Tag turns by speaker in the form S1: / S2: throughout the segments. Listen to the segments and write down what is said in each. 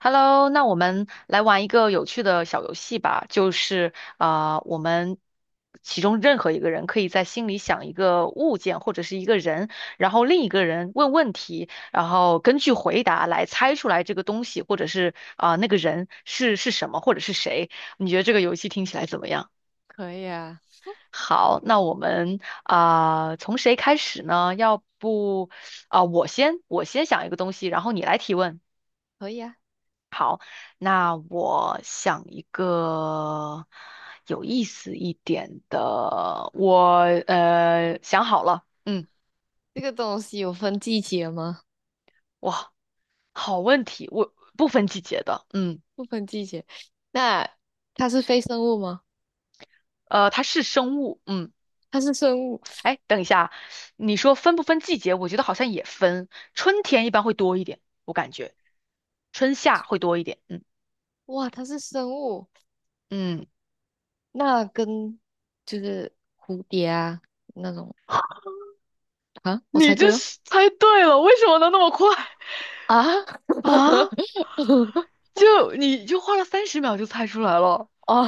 S1: Hello，那我们来玩一个有趣的小游戏吧，就是啊、我们其中任何一个人可以在心里想一个物件或者是一个人，然后另一个人问问题，然后根据回答来猜出来这个东西或者是啊、那个人是什么或者是谁。你觉得这个游戏听起来怎么样？
S2: 可以啊，
S1: 好，那我们啊、从谁开始呢？要不啊、我先想一个东西，然后你来提问。
S2: 可以啊。
S1: 那我想一个有意思一点的，我想好了，嗯。
S2: 这个东西有分季节吗？
S1: 哇，好问题，我不分季节的，嗯。
S2: 不分季节。那它是非生物吗？
S1: 它是生物，嗯。
S2: 它是生物。
S1: 哎，等一下，你说分不分季节？我觉得好像也分，春天一般会多一点，我感觉春夏会多一点，嗯。
S2: 哇，它是生物。
S1: 嗯，
S2: 那跟蝴蝶啊那种，啊，我
S1: 你
S2: 猜
S1: 这
S2: 对了。
S1: 是猜对了，为什么能那么快？
S2: 啊！
S1: 啊？你就花了30秒就猜出来了。
S2: 哦，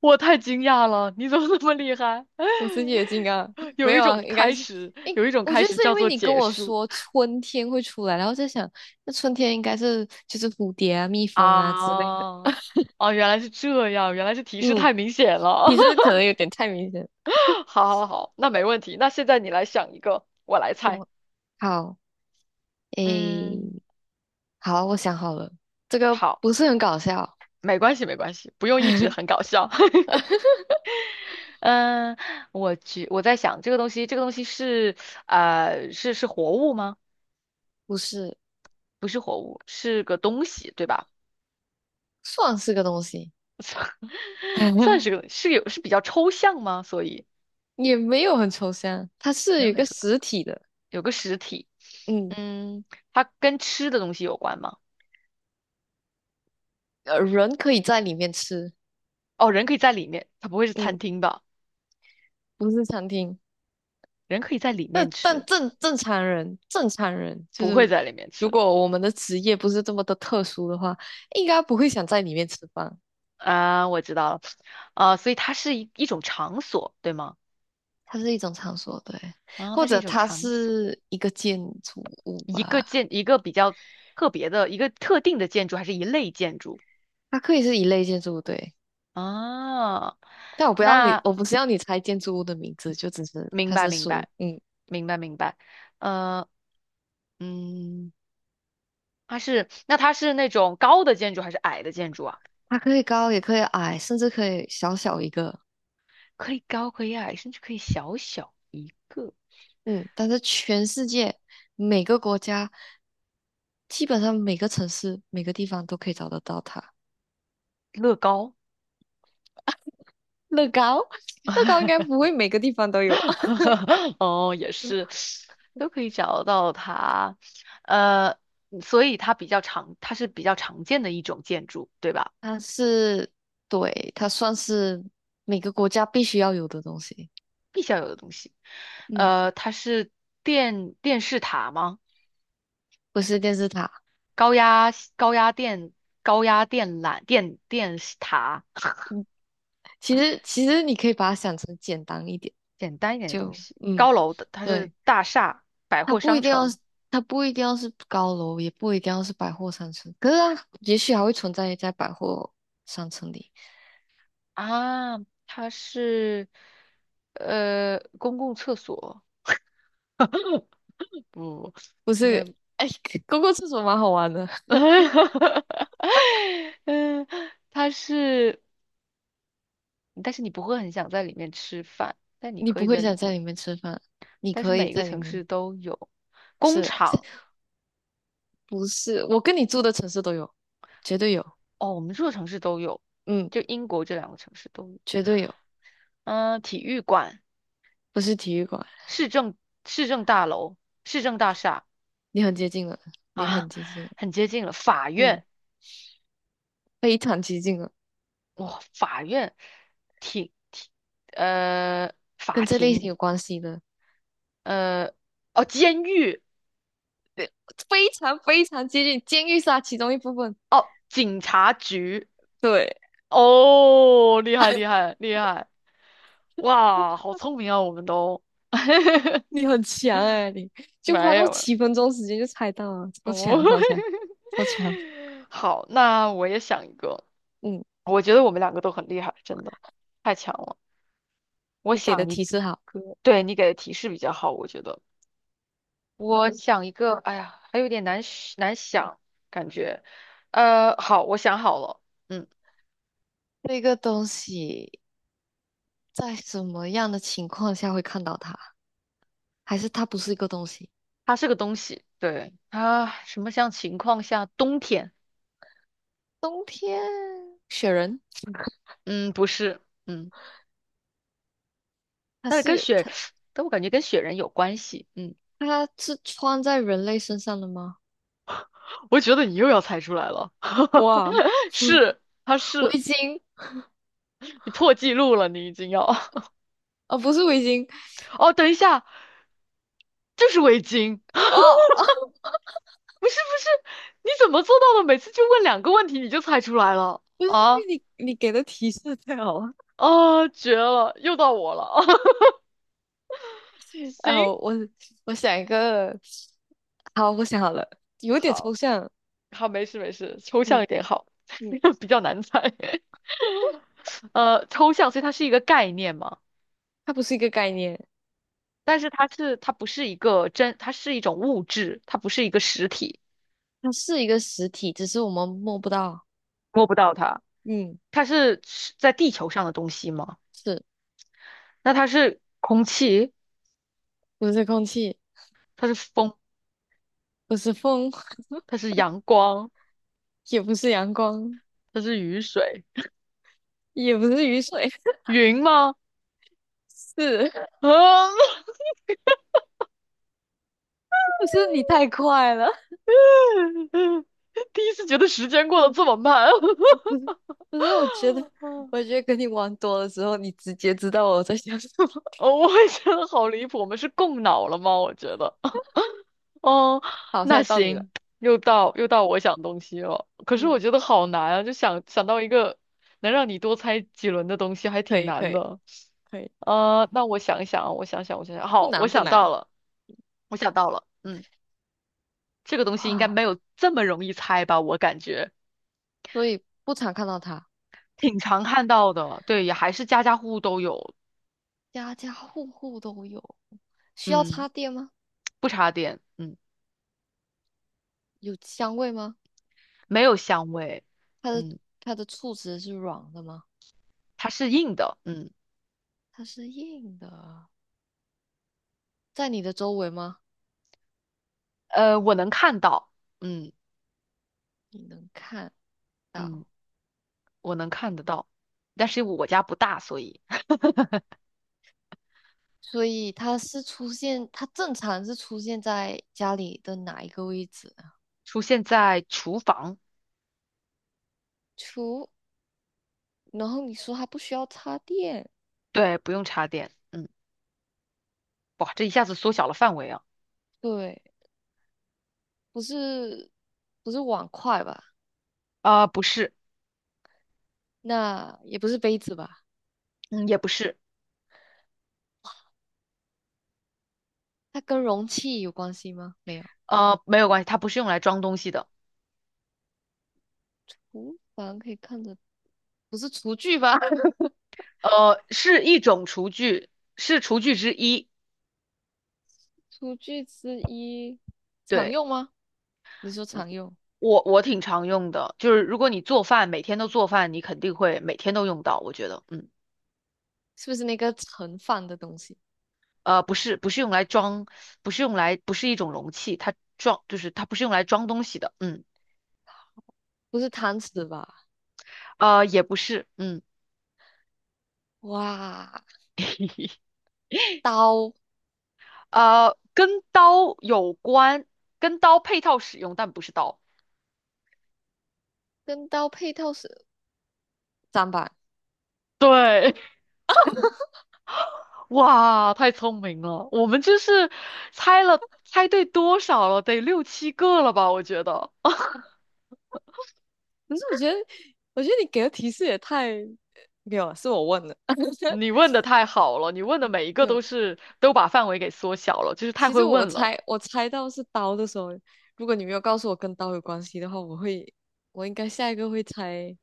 S1: 我太惊讶了，你怎么那么厉害？
S2: 我是野金刚，没
S1: 有一
S2: 有啊，
S1: 种
S2: 应该
S1: 开
S2: 是。
S1: 始，
S2: 诶，
S1: 有一种
S2: 我
S1: 开
S2: 觉得
S1: 始
S2: 是因
S1: 叫
S2: 为
S1: 做
S2: 你跟
S1: 结
S2: 我
S1: 束
S2: 说春天会出来，然后在想，那春天应该是就是蝴蝶啊、蜜蜂啊之类的。
S1: 啊！哦，原来是这样，原来是提示
S2: 嗯，
S1: 太明显了。
S2: 其实可 能有点太明显。
S1: 好好好，那没问题。那现在你来想一个，我来猜。
S2: 我。好，诶，
S1: 嗯，
S2: 好，我想好了，这个
S1: 好，
S2: 不是很搞笑。
S1: 没关系，没关系，不用一直很搞 笑。嗯，我在想这个东西，这个东西是是活物吗？
S2: 不是，
S1: 不是活物，是个东西，对吧？
S2: 算是个东西。
S1: 算是 个是有是比较抽象吗？所以
S2: 也没有很抽象，它是
S1: 没
S2: 有
S1: 有
S2: 一
S1: 很
S2: 个
S1: 抽象，
S2: 实体的。
S1: 有个实体。
S2: 嗯，
S1: 嗯，它跟吃的东西有关吗？
S2: 人可以在里面吃。
S1: 哦，人可以在里面，它不会是餐
S2: 嗯，
S1: 厅吧？
S2: 不是餐厅，
S1: 人可以在里面
S2: 但
S1: 吃，
S2: 但正常人，正常人就
S1: 不会
S2: 是，
S1: 在里面
S2: 如
S1: 吃。
S2: 果我们的职业不是这么的特殊的话，应该不会想在里面吃饭。
S1: 啊，我知道了，啊，所以它是一种场所，对吗？
S2: 它是一种场所，对，
S1: 啊，它
S2: 或
S1: 是一
S2: 者
S1: 种
S2: 它
S1: 场所，
S2: 是一个建筑物吧。
S1: 一个比较特别的一个特定的建筑，还是一类建筑
S2: 它可以是一类建筑物，对。
S1: 啊？
S2: 但我不要你，
S1: 那，
S2: 我不是要你猜建筑物的名字，就只是
S1: 明
S2: 它
S1: 白
S2: 是
S1: 明
S2: 属于，
S1: 白，
S2: 嗯，
S1: 明白明白。呃嗯。它是，那它是那种高的建筑还是矮的建筑啊？
S2: 它可以高也可以矮，甚至可以小小一个。
S1: 可以高，可以矮，甚至可以小小一个。
S2: 嗯。但是全世界每个国家，基本上每个城市、每个地方都可以找得到它。
S1: 乐高。
S2: 乐高，乐高应该不 会每个地方都有。
S1: 哦，也是，都可以找到它。呃，所以它比较常，它是比较常见的一种建筑，对吧？
S2: 它是，对，它算是每个国家必须要有的东西。
S1: 必须要有的东西。
S2: 嗯，
S1: 呃，它是电视塔吗？
S2: 不是电视塔。
S1: 高压电高压电缆电视塔。
S2: 嗯，其实你可以把它想成简单一点。
S1: 简单一点的东
S2: 就
S1: 西。
S2: 嗯，
S1: 高楼的，它是
S2: 对，
S1: 大厦、百
S2: 它
S1: 货
S2: 不
S1: 商
S2: 一定要
S1: 城。
S2: 是，它不一定要是高楼，也不一定要是百货商城，可是它也许还会存在在百货商城里。
S1: 啊，它是公共厕所。不，
S2: 不
S1: 应
S2: 是，
S1: 该不。
S2: 哎，公共厕所蛮好玩的。
S1: 嗯，它是，但是你不会很想在里面吃饭，但你
S2: 你
S1: 可
S2: 不
S1: 以
S2: 会
S1: 在
S2: 想
S1: 里
S2: 在
S1: 面，
S2: 里面吃饭，你
S1: 但是
S2: 可以
S1: 每一个
S2: 在里
S1: 城
S2: 面，
S1: 市都有工
S2: 是
S1: 厂。
S2: 不是？我跟你住的城市都有，绝对有。
S1: 哦，我们这个城市都有，
S2: 嗯，
S1: 就英国这两个城市都有，
S2: 绝对有，
S1: 嗯，体育馆、
S2: 不是体育馆，
S1: 市政市政大楼、市政大厦。
S2: 你很接近了，你很
S1: 啊，
S2: 接近了。
S1: 很接近了。法
S2: 嗯，
S1: 院，
S2: 非常接近了，
S1: 哇，法院，庭庭，呃，法
S2: 跟这类
S1: 庭。
S2: 型有关系的。
S1: 呃，哦，监狱，
S2: 对，非常非常接近，监狱是它其中一部分。
S1: 警察局，
S2: 对，
S1: 哦，厉害厉 害厉害，哇，好聪明啊，我们都
S2: 你很强哎、你就花
S1: 没
S2: 多
S1: 有了。
S2: 7分钟时间就猜到了，超
S1: 哦。
S2: 强超强超强！
S1: 好，那我也想一个，
S2: 嗯，
S1: 我觉得我们两个都很厉害，真的太强了。我
S2: 你给的
S1: 想一
S2: 提示好。
S1: 个，对你给的提示比较好，我觉得。我想一个，哎呀，还有点难是难想，感觉，呃，好，我想好了，嗯。
S2: 这个东西在什么样的情况下会看到它？还是它不是一个东西？
S1: 它是个东西，对，它什么像情况下，冬天。
S2: 冬天，雪人，
S1: 嗯，不是。嗯，
S2: 它
S1: 但是跟
S2: 是
S1: 雪，
S2: 它
S1: 但我感觉跟雪人有关系，嗯。
S2: 它是穿在人类身上的吗？
S1: 我觉得你又要猜出来了。
S2: 哇，
S1: 是，它
S2: 围
S1: 是，
S2: 巾。
S1: 你破纪录了，你已经要，
S2: 啊，不是围巾。
S1: 哦，等一下，就是围巾。
S2: 哦，
S1: 不是不是，你怎么做到的？每次就问两个问题你就猜出来了
S2: 不是
S1: 啊？
S2: 因为你给的提示太好了。
S1: 啊，绝了，又到我了。
S2: 啊，
S1: 行。
S2: 我想一个。好，我想好了，有点
S1: 好，
S2: 抽象。
S1: 好，没事没事，抽
S2: 嗯
S1: 象一点好，
S2: 嗯，
S1: 比较难猜。呃，抽象，所以它是一个概念嘛，
S2: 它不是一个概念。
S1: 但是它是它不是一个真，它是一种物质，它不是一个实体，
S2: 它是一个实体，只是我们摸不到。
S1: 摸不到它。
S2: 嗯，
S1: 它是在地球上的东西吗？
S2: 是
S1: 那它是空气，
S2: 不是空气，
S1: 它是风，
S2: 不是风，
S1: 它是阳光，
S2: 也不是阳光，
S1: 它是雨水，
S2: 也不是雨水。
S1: 云吗？
S2: 是。
S1: 啊。
S2: 不是你太快了？
S1: 第一次觉得时间过得
S2: 嗯，
S1: 这么慢。
S2: 我不是不是，我觉得跟你玩多了之后，你直接知道我在想什么。
S1: 哦，我也觉得好离谱，我们是共脑了吗？我觉得。哦，
S2: 好，现
S1: 那
S2: 在到你了。
S1: 行，又到我想东西了。可是我
S2: 嗯，
S1: 觉得好难啊，就想想到一个能让你多猜几轮的东西，还
S2: 可
S1: 挺
S2: 以可
S1: 难
S2: 以
S1: 的。
S2: 可以，
S1: 呃，那我想一想啊，我想想，我想想，
S2: 不
S1: 好，我
S2: 难不
S1: 想到
S2: 难。
S1: 了，我想到了，嗯。这个东西应该
S2: 哇，
S1: 没有这么容易猜吧？我感觉
S2: 所以不常看到它，
S1: 挺常看到的，对，也还是家家户户都有，
S2: 家家户户都有。需要
S1: 嗯。
S2: 插电吗？
S1: 不插电，嗯。
S2: 有香味吗？
S1: 没有香味，
S2: 它的
S1: 嗯。
S2: 它的触子是软的吗？
S1: 它是硬的，嗯。
S2: 它是硬的，在你的周围吗？
S1: 呃，我能看到，嗯。
S2: 你能看
S1: 嗯，
S2: 到，
S1: 我能看得到，但是我家不大，所以
S2: 所以它是出现，它正常是出现在家里的哪一个位置？
S1: 出现在厨房，
S2: 厨，除然后你说它不需要插电，
S1: 对，不用插电，嗯。哇，这一下子缩小了范围啊。
S2: 对，不是不是碗筷吧？
S1: 啊、不是。
S2: 那也不是杯子吧？
S1: 嗯，也不是。
S2: 它跟容器有关系吗？没有，
S1: 呃，没有关系，它不是用来装东西的。
S2: 厨房可以看着，不是厨具吧？
S1: 呃，是一种厨具，是厨具之一。
S2: 厨具之一，常
S1: 对，
S2: 用吗？你说常用，
S1: 我挺常用的，就是如果你做饭，每天都做饭，你肯定会每天都用到，我觉得，嗯。
S2: 是不是那个盛饭的东西？
S1: 呃，不是用来装，不是一种容器，它装就是它不是用来装东西的，嗯。
S2: 不是汤匙吧？
S1: 呃，也不是，嗯。
S2: 哇，刀。
S1: 呃，跟刀有关，跟刀配套使用，但不是刀。
S2: 跟刀配套是砧板。
S1: 对。哇，太聪明了，我们就是猜了猜对多少了？得六七个了吧？我觉得
S2: 可是我觉得，你给的提示也太……没有啊，是我问的。
S1: 你 问的太好了，你问的每一个
S2: 没有，
S1: 都是都把范围给缩小了，就是太
S2: 其
S1: 会
S2: 实
S1: 问了。
S2: 我猜到是刀的时候，如果你没有告诉我跟刀有关系的话，我会，我应该下一个会猜，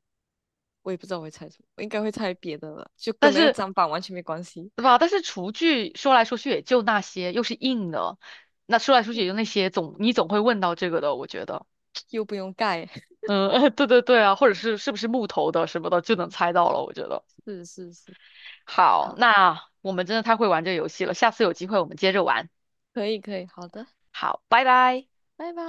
S2: 我也不知道我会猜什么，我应该会猜别的了，就
S1: 但
S2: 跟那个
S1: 是，
S2: 砧板完全没关系，
S1: 对吧？但是厨具说来说去也就那些，又是硬的，那说来说去也
S2: 又
S1: 就那些，你总会问到这个的，我觉得。
S2: 又不用盖。
S1: 嗯。对对对啊，或者是是不是木头的什么的，就能猜到了，我觉得。
S2: 是是是，
S1: 好，
S2: 好，
S1: 那我们真的太会玩这个游戏了，下次有机会我们接着玩。
S2: 可以可以，好的，
S1: 好，拜拜。
S2: 拜拜。